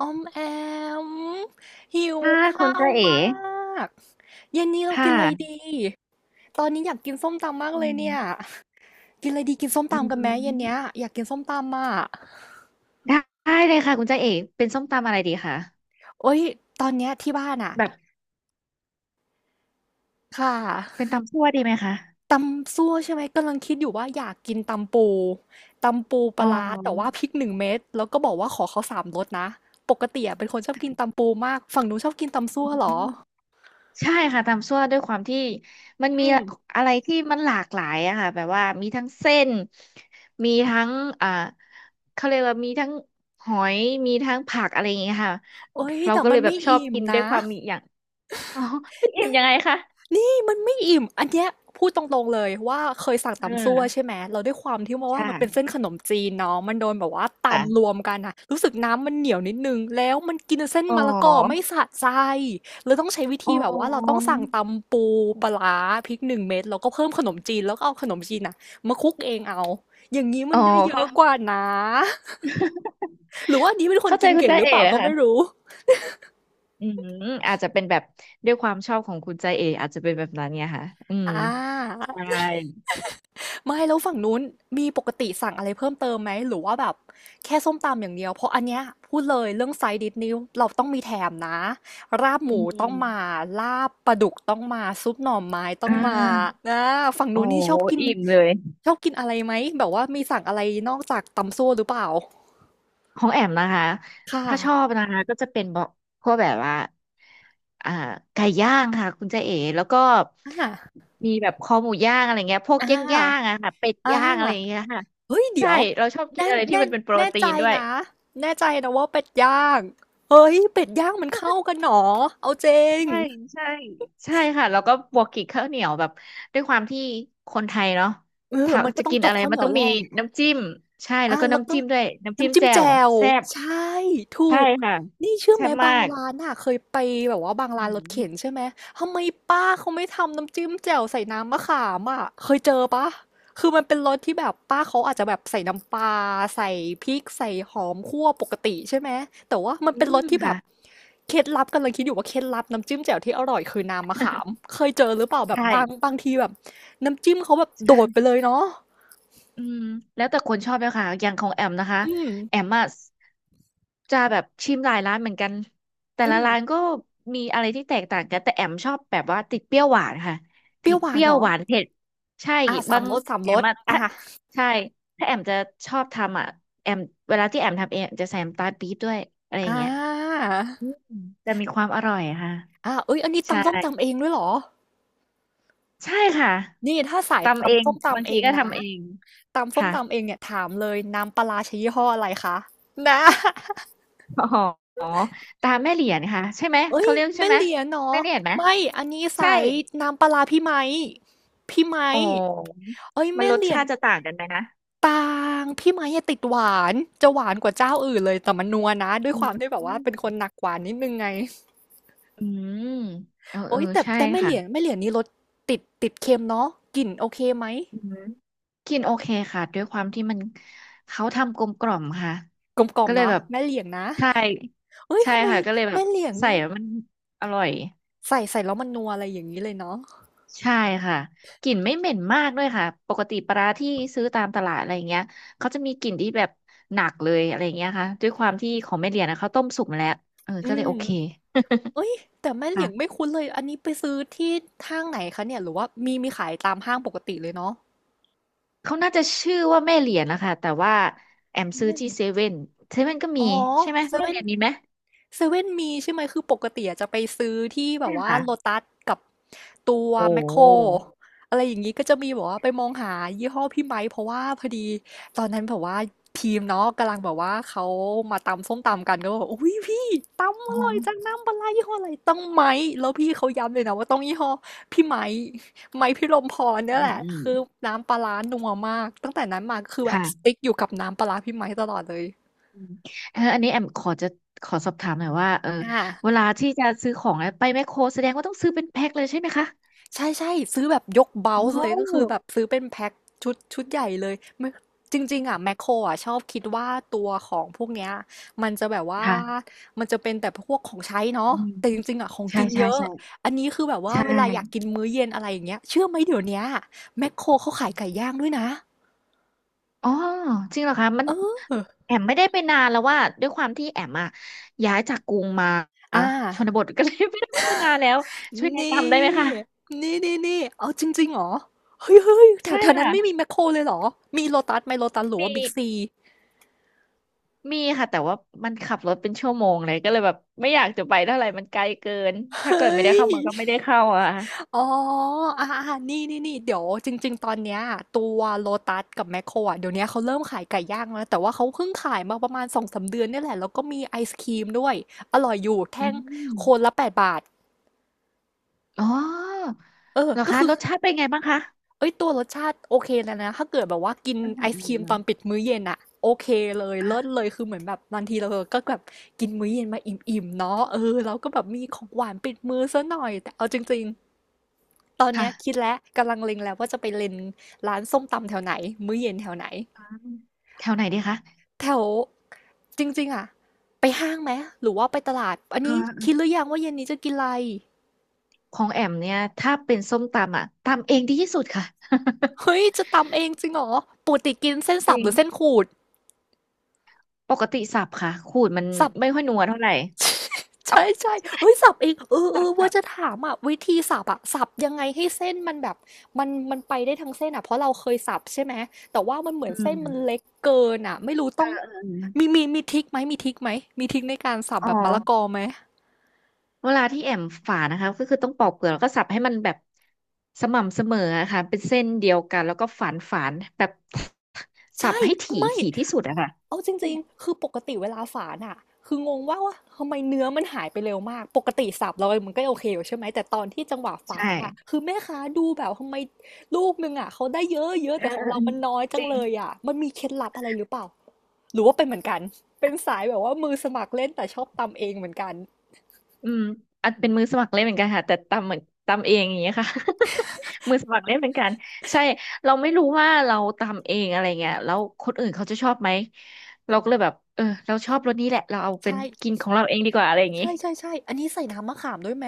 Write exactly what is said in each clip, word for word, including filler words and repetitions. ออมแอมหิวค่ะคุข้าณวจ้าเอ๋มากเย็นนี้เรากิค่ะนอะไรดีตอนนี้อยากกินส้มตำมากอืเลยเนี่ยมกินอะไรดีกินส้มอืตำกันไหมเย็นเนี้ยมอยากกินส้มตำอ่ะได้ได้เลยค่ะคุณจ้าเอ๋เป็นส้มตำอะไรดีคะโอ๊ยตอนเนี้ยที่บ้านอ่ะแบบค่เป็นะตำซั่วดีไหมคะตำซั่วใช่ไหมกำลังคิดอยู่ว่าอยากกินตำปูตำปูปอ๋ลาร้าแต่ว่าอพริกหนึ่งเม็ดแล้วก็บอกว่าขอเขาสามรสนะปกติอะเป็นคนชอบกินตำปูมากฝั่งนู้นชอบกินตำซั่อืวเหรอมใช่ค่ะตำซั่วด้วยความที่มันมีอืมอะไรที่มันหลากหลายอะค่ะแบบว่ามีทั้งเส้นมีทั้งอ่าเขาเรียกว่ามีทั้งหอยมีทั้งผักอะไรอย่างเงี้ยค่ะโอ๊ยเราแต่ก็เลมันยแบไม่บชอบอิ่มกินด้วนะยความมีอย่าง อ๋อไม่อิ่มน่า ยังไงคะนี่มันไม่อิ่มอันเนี้ยพูดตรงๆเลยว่าเคยสั่งอ่ตำซั่วใช่ไหามแล้วด้วยความที่ว่ามันเป็นใช่เส้นขนมจีนเนาะมันโดนแบบว่าค่ะตำรวมกันน่ะรู้สึกน้ำมันเหนียวนิดหนึ่งแล้วมันกินเส้นอ๋มะละกอไม่อ สะใจเลยต้องใช้วิธีอ๋แบบว่าเราต้องอสั่งตำปูปลาร้าพริกหนึ่งเม็ดแล้วก็เพิ่มขนมจีนแล้วก็เอาขนมจีนน่ะมาคลุกเองเอาอย่างงี้มัอ๋อนได้เยอะเข้ากว่านะหรือว่าอันนี้เป็นคนเข้าใจกินคุณเก่งใจหรือเอ๋เปล่าก็ไม่ค่ะรู้อืมอาจจะเป็นแบบด้วยความชอบของคุณใจเอ๋อาจจะเป็นแบบนั้นเนี่ยค่ะอืมอใช่า ไม่แล้วฝั่งนู้นมีปกติสั่งอะไรเพิ่มเติมไหมหรือว่าแบบแค่ส้มตำอย่างเดียวเพราะอันเนี้ยพูดเลยเรื่องไซด์ดิชนี้เราต้องมีแถมนะราบหอืมูมต้องมาลาบปลาดุกต้องมาซุปหน่อไม้ต้ออ่งมาานะฝั่งโอ้นู้นนี่ชอบกินอิ่มเลยชอบกินอะไรไหมแบบว่ามีสั่งอะไรนอกจากตำซั่วหรือเปล่าของแอมนะคะค่ถ้าชอบะนะคะก็จะเป็นบอกพวกแบบว่าอ่าไก่ย่างค่ะคุณใจเอ๋แล้วก็อ่ามีแบบคอหมูย่างอะไรเงี้ยพวกอ่ย่างย่างาอะค่ะเป็ดอ่า ย่างอะไรอย่างเงี้ยค่ะเฮ้ยเดี๋ใช่ ยวเราชอบกินแน่อะไรที่แน่มันเป็นโปรแน่ตีใจนด้วย นะแน่ใจนะว่าเป็ดย่างเฮ้ยเป็ดย่างมันเข้ากันหนอเอาจริงใช่ใช่ใช่ค่ะแล้วก็บวกกิ่งข้าวเหนียวแบบด้วยความที่คนไทยเนาะเออถ้ามันก็จะต้องกินจกอะไรข้าวเหมันนียต้วองแหลมีะน้ำจิ้มใช่แล้อะวก็แล้วน้ำก็ จิ้มด้วยน้ำจิ้มน้ำจิ้มแจ่วแจ่วแซ่บใช่ถูใช่กค่ะนี่เชื่อแซ่ไหมบมาบางกร้านน่ะเคยไปแบบว่าบางอืร้านรถเข็นมใช่ไหมทำไมป้าเขาไม่ทำน้ำจิ้มแจ่วใส่น้ำมะขามอะเคยเจอเปล่าคือมันเป็นรสที่แบบป้าเขาอาจจะแบบใส่น้ำปลาใส่พริกใส่หอมคั่วปกติใช่ไหมแต่ว่ามันอืเป็นมรสที่แบค่ะบเคล็ดลับกำลังคิดอยู่ว่าเคล็ดลับน้ำจิ้มแจ่วที่อร่อยคือน้ำมะขามเคยเจอหรือเปล่าแบบบางใช่บางทีแบบน้ำจิ้มเขาแบบโดใช่ ดไปเลยเนาะอืมแล้วแต่คนชอบเลยค่ะอย่างของแอมนะคะอืมแอมอะจะแบบชิมหลายร้านเหมือนกันแต่อืละมร้านก็มีอะไรที่แตกต่างกันแต่แอมชอบแบบว่าติดเปรี้ยวหวานค่ะเปติรี้ยวดหวาเปนรี้ยเหรวอ หวานเผ็ดใช่อาสาบามงรสสามแอรมสอะอาถ้าใช่ถ้าแอมจะชอบทำอะแอมเวลาที่แอมทำเองจะใส่น้ำตาลปี๊บด้วยอะไรอย่างอาเงี้ยอืมจะมีความอร่อยอะค่ะอาเฮ้ยอันนี้ใช่ตำส้มตำเองด้วยเหรอใช่ค่ะนี่ถ้าสายทำเอตำงส้มบางตำเอทีงก็นะทำเองตำส้มค่ะ ตำเองเนี่ยถามเลยน้ำปลาร้าใช้ยี่ห้ออะไรคะนะ อ๋อตาแม่เหรียญค่ะใช่ไหมเฮ้ยเขาเรียกใช่แม่ไหมเหรียญเหรอแม่เหรียญไหมไม่อันนี้ใช่สายน้ำปลาร้าพี่ไมค์พี่ไมอ๋อค์เฮ้ยมันแม่รสเหรียญชาติจะต่างกันไหมนะบางพี่ไมค์อะติดหวานจะหวานกว่าเจ้าอื่นเลยแต่มันนัวนะด้วยอืความที่มแบบว่าเป็นคนหนักหวานนิดหนึ่งไง อืมเออเอโอ๊อยแต่ใช่แต่แม่เหค่ะลียงแม่เหลียงนี่รสติดติดเค็มเนาะกลิ่นโอเคไหมอืมกินโอเคค่ะด้วยความที่มันเขาทำกลมกล่อมค่ะกลมกล่อมก็เลยเนาะแบบแม่เหลียงนะใช่เอ้ยใช่ทำไมค่ะก็เลยแบบแม่เหลียงใส่นี่แล้วมันอร่อย ใส่ใส่แล้วมันนัวอะไรอย่างนี้เลยเนาะใช่ค่ะกลิ่นไม่เหม็นมากด้วยค่ะปกติปลาร้าที่ซื้อตามตลาดอะไรอย่างเงี้ยเขาจะมีกลิ่นที่แบบหนักเลยอะไรอย่างเงี้ยค่ะด้วยความที่ของแม่เหรียญนะเขาต้มสุกมาแล้วเออก็อืเลยมโอเคเอ้ยแต่แม่เหลียงไม่ค่ะคุ้นเลยอันนี้ไปซื้อที่ห้างไหนคะเนี่ยหรือว่ามีมีขายตามห้างปกติเลยเนาะเขาน่าจะชื่อว่าแม่เหรียญนะคะแต่ว่าแอมซื้อแม่เหที่ลียงเซเว่นเซเว่นก็อ๋มีอใช่ไหมเซแม่เว่เหน รียญมีไหมเซเว่นมีใช่ไหมคือปกติอะจะไปซื้อที่แบใช่บว่าค่ะโลตัสกับตัวโอ้แมคโครอะไรอย่างนี้ก็จะมีแบบว่าไปมองหายี่ห้อพี่ไมค์เพราะว่าพอดีตอนนั้นแบบว่าทีมเนาะกำลังแบบว่าเขามาตำส้มตำกันก็บอกอุ้ยพี่ตำออ๋อร่อยจังน้ำปลาร้ายี่ห้ออะไรต้องไมค์แล้วพี่เขาย้ำเลยนะว่าต้องยี่ห้อพี่ไมค์ไมค์พี่ลมพรเนี่อืยแหมละอืมคือน้ำปลาร้านัวมากตั้งแต่นั้นมาก็คือแบบสค่ะติ๊กอยู่กับน้ำปลาร้าพี่ไมค์ตลอดเลยอืมเอออันนี้แอมขอจะขอสอบถามหน่อยว่าเอออ่า เวลาที่จะซื้อของอะไปแมคโครแสดงว่าต้องซื้อเป็นแพ็คเลยใช่ไหมคะ ใช่ใช่ซื้อแบบยกเบาอ๋ส์เลยก็คืออแบบซื้อเป็นแพ็คชุดชุดใหญ่เลยไม่จริงๆอ่ะแมคโครอ่ะชอบคิดว่าตัวของพวกเนี้ยมันจะแบบว่าค่ะมันจะเป็นแต่พวกของใช้เนาะอืมแต่จริงๆอ่ะของใช่กินใช่เยอะใช่อันนี้คือแบบว่าใช่เวลาอยากกินมื้อเย็นอะไรอย่างเงี้ยเชื่อไหมเดี๋ยวเนี้ยแมคโครเขาขายไก่ย่างด้วยนะอ๋อจริงเหรอคะมันเออแอมไม่ได้ไปนานแล้วว่าด้วยความที่แอมอะย้ายจากกรุงมาอ่าชนบทก็เลยไม่ได้ไปนานแล้วช่วยนแนะนำได้ไหมี่คะนี่นี่นี่เอาจริงๆเหรอเฮ้ยเฮ้ยแถใช่วแถวนั้นไม่ค่ะมีแมคโครเลยเหรอมีโลตัสไหมโลตัสหรือว่ามีบิ๊กซีมีค่ะแต่ว่ามันขับรถเป็นชั่วโมงเลยก็เลยแบบไม่อยากจะไปเท่าไหร่มันไกลเกินถ้าเฮ้เกิดไม่ย ได้เข้าเมืองก็ไม่ได้เข้าอะค่ะอ๋ออ่าอ่านี่นี่นี่เดี๋ยวจริงๆตอนเนี้ยตัวโลตัสกับแมคโครอ่ะเดี๋ยวนี้เขาเริ่มขายไก่ย่างแล้วนะแต่ว่าเขาเพิ่งขายมาประมาณสองสามเดือนเนี่ยแหละ แล้วก็มีไอศครีมด้วย อร่อยอยู่ อืแท่งมคนละแปดบาท อ๋อเออเหรอก็คะคือรสชาติเป็นไงบ้างคะเอ้ยตัวรสชาติโอเคแล้วนะ ถ้าเกิดแบบว่ากินอืมไออืมอศครีมืตอมนปิดมื้อเย็นอ่ะโอเคเลย เลิศอ่ะเลย คือเหมือนแบบบางทีเราก็แบบกินมื้อเย็นมาอิ่มๆเนาะเออเราก็แบบมีของหวานปิดมือซะหน่อยแต่เอาจริงๆ ตอนค่ะ เนี้ยคิดแล้วกำลังเล็งแล้วว่าจะไปเล็งร้านส้มตำแถวไหนมื้อเย็นแถวไหนแถวไหนดีคะแถวจริงๆอ่ะไปห้างไหมหรือว่าไปตลาดอันเนี้คิดหออรือยังว่าเย็นนี้จะกินอะไรของแอมเนี่ยถ้าเป็นส้มตำอ่ะตำเองดีที่สุดค่ะ เฮ้ยจะตำเองจริงเหรอปกติกินเส้น จสัริบหงรือเส้นขูดปกติสับค่ะขูดมันสับ ไม่ค่อยนัวเท่าไหร่ เอาใช่ใช่เฮ้ยสับเองเออเอจากอแบว่าสับจะถามอ่ะวิธีสับอ่ะสับยังไงให้เส้นมันแบบมันมันไปได้ทั้งเส้นอ่ะเพราะเราเคยสับใช่ไหมแต่ว่ามันเหมืออืนเส้นมันมเล็กเกินอ่ะไม่รู้เอต้อองเออเอมีอมีมีทริคไหมมีทริคไหมมีทริคในการสับอ๋อแบบมะละกอไหม เวลาที่แอมฝานะคะก็คือต้องปอกเปลือกแล้วก็สับให้มันแบบสม่ำเสมออะค่ะเป็นเส้นเดียวกันแล้วก็ฝานฝานแบบ สับใช่ให้ถี่ไม่ถี่ที่สุดอะค่ะเอาจริงๆคือปกติเวลาฝานอะคืองงว่าว่าทำไมเนื้อมันหายไปเร็วมากปกติสับเรามันก็โอเคอยู่ใช่ไหมแต่ตอนที่จังหวะฝาใช่นอะคือแม่ค้าดูแบบทำไมลูกนึงอะเขาได้เยอะเยอะเออแต่ขอเองอเอเราอมันน้อยจัจงริง เลยอะมันมีเคล็ดลับอะไรหรือเปล่าหรือว่าเป็นเหมือนกันเป็นสายแบบว่ามือสมัครเล่นแต่ชอบตำเองเหมือนกันอืมอัจเป็นมือสมัครเล่นเหมือนกันค่ะแต่ตำเหมือนตำเองอย่างเงี้ยค่ะ มือสมัครเล่นเหมือนกันใช่เราไม่รู้ว่าเราตำเองอะไรเงี้ยแล้วคนอื่นเขาจะชอบไหมเราก็เลยแบบเออเราชอบรสนี้แหละเราเอาเป็นใช่กินของเราเองดีกว่าอะไรอย่างงี้ใช่ใช่ใช่อันนี้ใส่น้ำมะขามด้วยไหม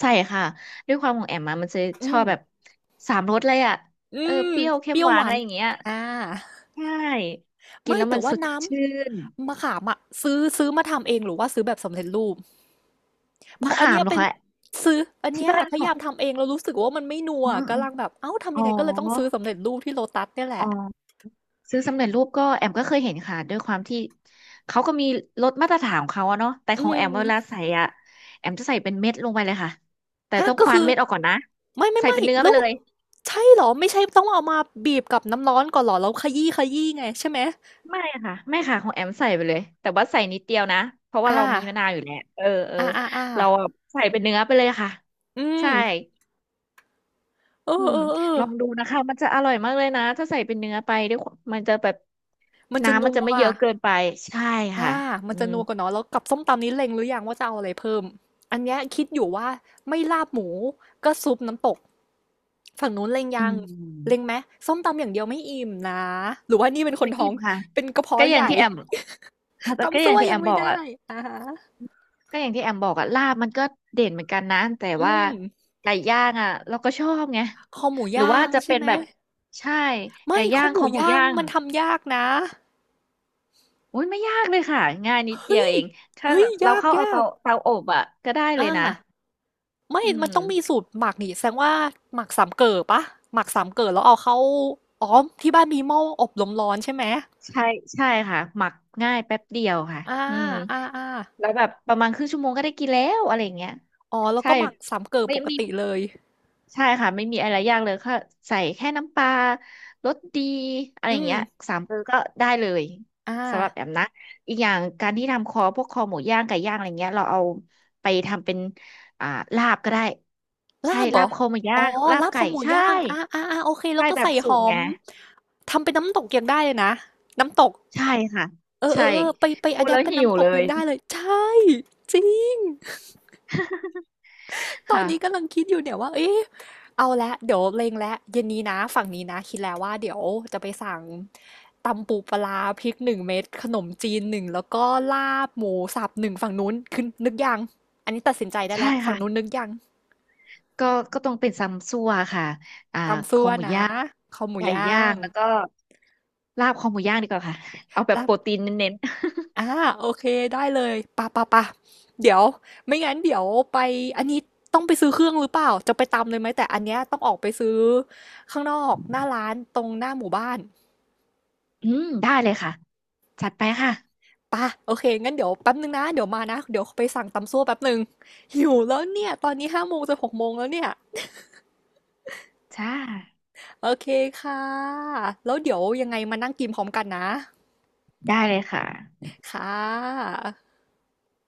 ใช่ค่ะด้วยความของแอมมามันจะชอือบมแบบสามรสเลยอ่ะอืเออมเปรี้ยวเค็เปมรี้ยหววาหนวาอะนไรอย่างเงี้ยอ่า ใช่กินไม่แล้วแต่มันว่าสดน้ชื่นำมะขามอะซื้อซื้อมาทำเองหรือว่าซื้อแบบสำเร็จรูปเพมะราะอันขาเนี้มยเหรอเป็นคะซื้ออันที่เนี้ยบ้านพขยาองยามทำเองแล้วรู้สึกว่ามันไม่นัวอ๋อกำลังแบบเอ้าทำอ๋อยังไงก็เลยต้องซื้อสำเร็จรูปที่โลตัสเนี่ยแหอ๋ละอ ซื้อสำเร็จรูปก็แอมก็เคยเห็นค่ะด้วยความที่เขาก็มีรสมาตรฐานของเขาอะเนาะแต่อืของแอมเวลามใส่อะแอมจะใส่เป็นเม็ดลงไปเลยค่ะแต่ฮะต้องก็ควานคือเม็ดออกก่อนนะไม่ไม่ใส่ไม่เป็นเนื้อไปแล้วเลยใช่เหรอไม่ใช่ต้องเอามาบีบกับน้ำร้อนก่อนเหรอแล้วขยี้ขยี้ไงใช่ไหมไม่ค่ะไม่ค่ะของแอมใส่ไปเลยแต่ว่าใส่นิดเดียวนะเพราะว่าเราอามีมะนาวอยู่แล้วเออเอออาอ่าอาเราอะใส่เป็นเนื้อไปเลยค่ะอืมใช่เอออืมเออเออลองดูนะคะมันจะอร่อยมากเลยนะถ้าใส่เป็นเนื้อไปด้วยความมันจะแบบมันจะน้ำนัมันจะว ไม่เยอะเกินไปใช่ค่ะอ่ามัอืนจะมนัวกว่าเนาะแล้วกับส้มตำนี้เล็งหรือยังว่าจะเอาอะไรเพิ่มอันเนี้ยคิดอยู่ว่าไม่ลาบหมูก็ซุปน้ำตกฝั่งนู้นเล็งอืยังเล็งไหม มส้มตำอย่างเดียวไม่อิ่มนะหรือว่านี่เป็นคนไม่ท้ออิ่งมค่ะเป็นกระเพาะก็อใหย่างญ่ ที่แอม ค่ะ แต่ก็ตำอซั่ย่างวที่แอยังมไม่บอกได้อ่ะอะฮะก็อย่างที่แอมบอกอ่ะลาบมันก็เด่นเหมือนกันนะแต่อืว่ามไก่ย่างอ่ะเราก็ชอบไงคอหมูหรือย่าว่างจะใช่เป็นไหม แบบใช่ไม่ไก่คย่าองหคมูอหมูย่างย่างมันทำยากนะโอ้ยไม่ยากเลยค่ะง่ายนิดเดียเฮ้วยเองถ้าเฮ้แบยบเรายากเข้าเอาเตาเตาอบอ่ะก็ได้ๆเลยนะอา ไม่อืมันมต้องมีสูตรหมักนี่แสดงว่าหมักสามเก๋อปะ หมักสามเก๋อแล้วเอาเข้าอ๋อที่บ้านมีหม้ออบลมร้อนใช่ไหมใช่ใช่ค่ะหมักง่ายแป๊บเดียวค่ะอ่าอืมอ่าอ่าแล้วแบบประมาณครึ่งชั่วโมงก็ได้กินแล้วอะไรอย่างเงี้ยอ๋อแล้วใช่ก็หมักสามเก๋อไม่ปกมี ติเลยใช่ค่ะไม่มีอะไรยากเลยค่ะใส่แค่น้ำปลารสดีอะไรอือย่างมเงี้ยสามเกลือก็ได้เลยอ่าสำหรับแอมนะอีกอย่างการที่ทำคอพวกคอหมูย่างไก่ย่างอะไรเงี้ยเราเอาไปทำเป็นอ่าลาบก็ได้ใช่ลาบเหรลาอ บคอหมูย่าอ๋องลาบลาบคไก่อหมูใช่ย่างอ่าอ่าอ่าโอเคแล้วใช่ก็แบใส่บสุหกอไงม ทำเป็นน้ำตกยังได้เลยนะน้ำตกใช่ค่ะเออเอใช่อเออไปไปพูอะดแดแล้ปวเป็นหิวน้ำตเลกยัย งได้เลยใช่จริง ตอนค่ะนี้กำลังคิดอยู่เนี่ยว่า เอ๊ะเอาละเดี๋ยวเล็งแล้วเย็นนี้นะ ฝั่งนี้นะ คิดแล้วว่าเดี๋ยวจะไปสั่งตำปูปลาพริกหนึ่งเม็ดขนมจีนหนึ่งแล้วก็ลาบหมูสับหนึ่งฝั่งนู้นคือนึกยังอันนี้ตัดสินใจได้ใช่แล้วฝั่งค่ะนู้นนึกยังก็ก็ต้องเป็นซัมซั่วค่ะอ่าตำคซั่อวหมูนะย่างข้าหมูไก่ย่าย่างงแล้วก็ ลาบคอหมูย่างดีกว่าค่ะ เอาแบบแล้วโปรตีนเน้นอ่าโอเคได้เลยปะปะปะเดี๋ยวไม่งั้นเดี๋ยวไปอันนี้ต้องไปซื้อเครื่องหรือเปล่า จะไปตำเลยไหม แต่อันเนี้ยต้องออกไปซื้อข้างนอกหน้าร้านตรงหน้าหมู่บ้าน ๆอืมได้เลยค่ะ จัดไปค่ะป่ะโอเคงั้นเดี๋ยวแป๊บนึงนะเดี๋ยวมานะเดี๋ยวไปสั่งตำซั่วแป๊บนึงหิวแล้วเนี่ยตอนนี้ห้าโมงจะหกโมงแล้วเนี่ยจ้าโอเคค่ะแล้วเดี๋ยวยังไงมานั่งกินพร้อมกันนะได้เลยค่ะค่ะ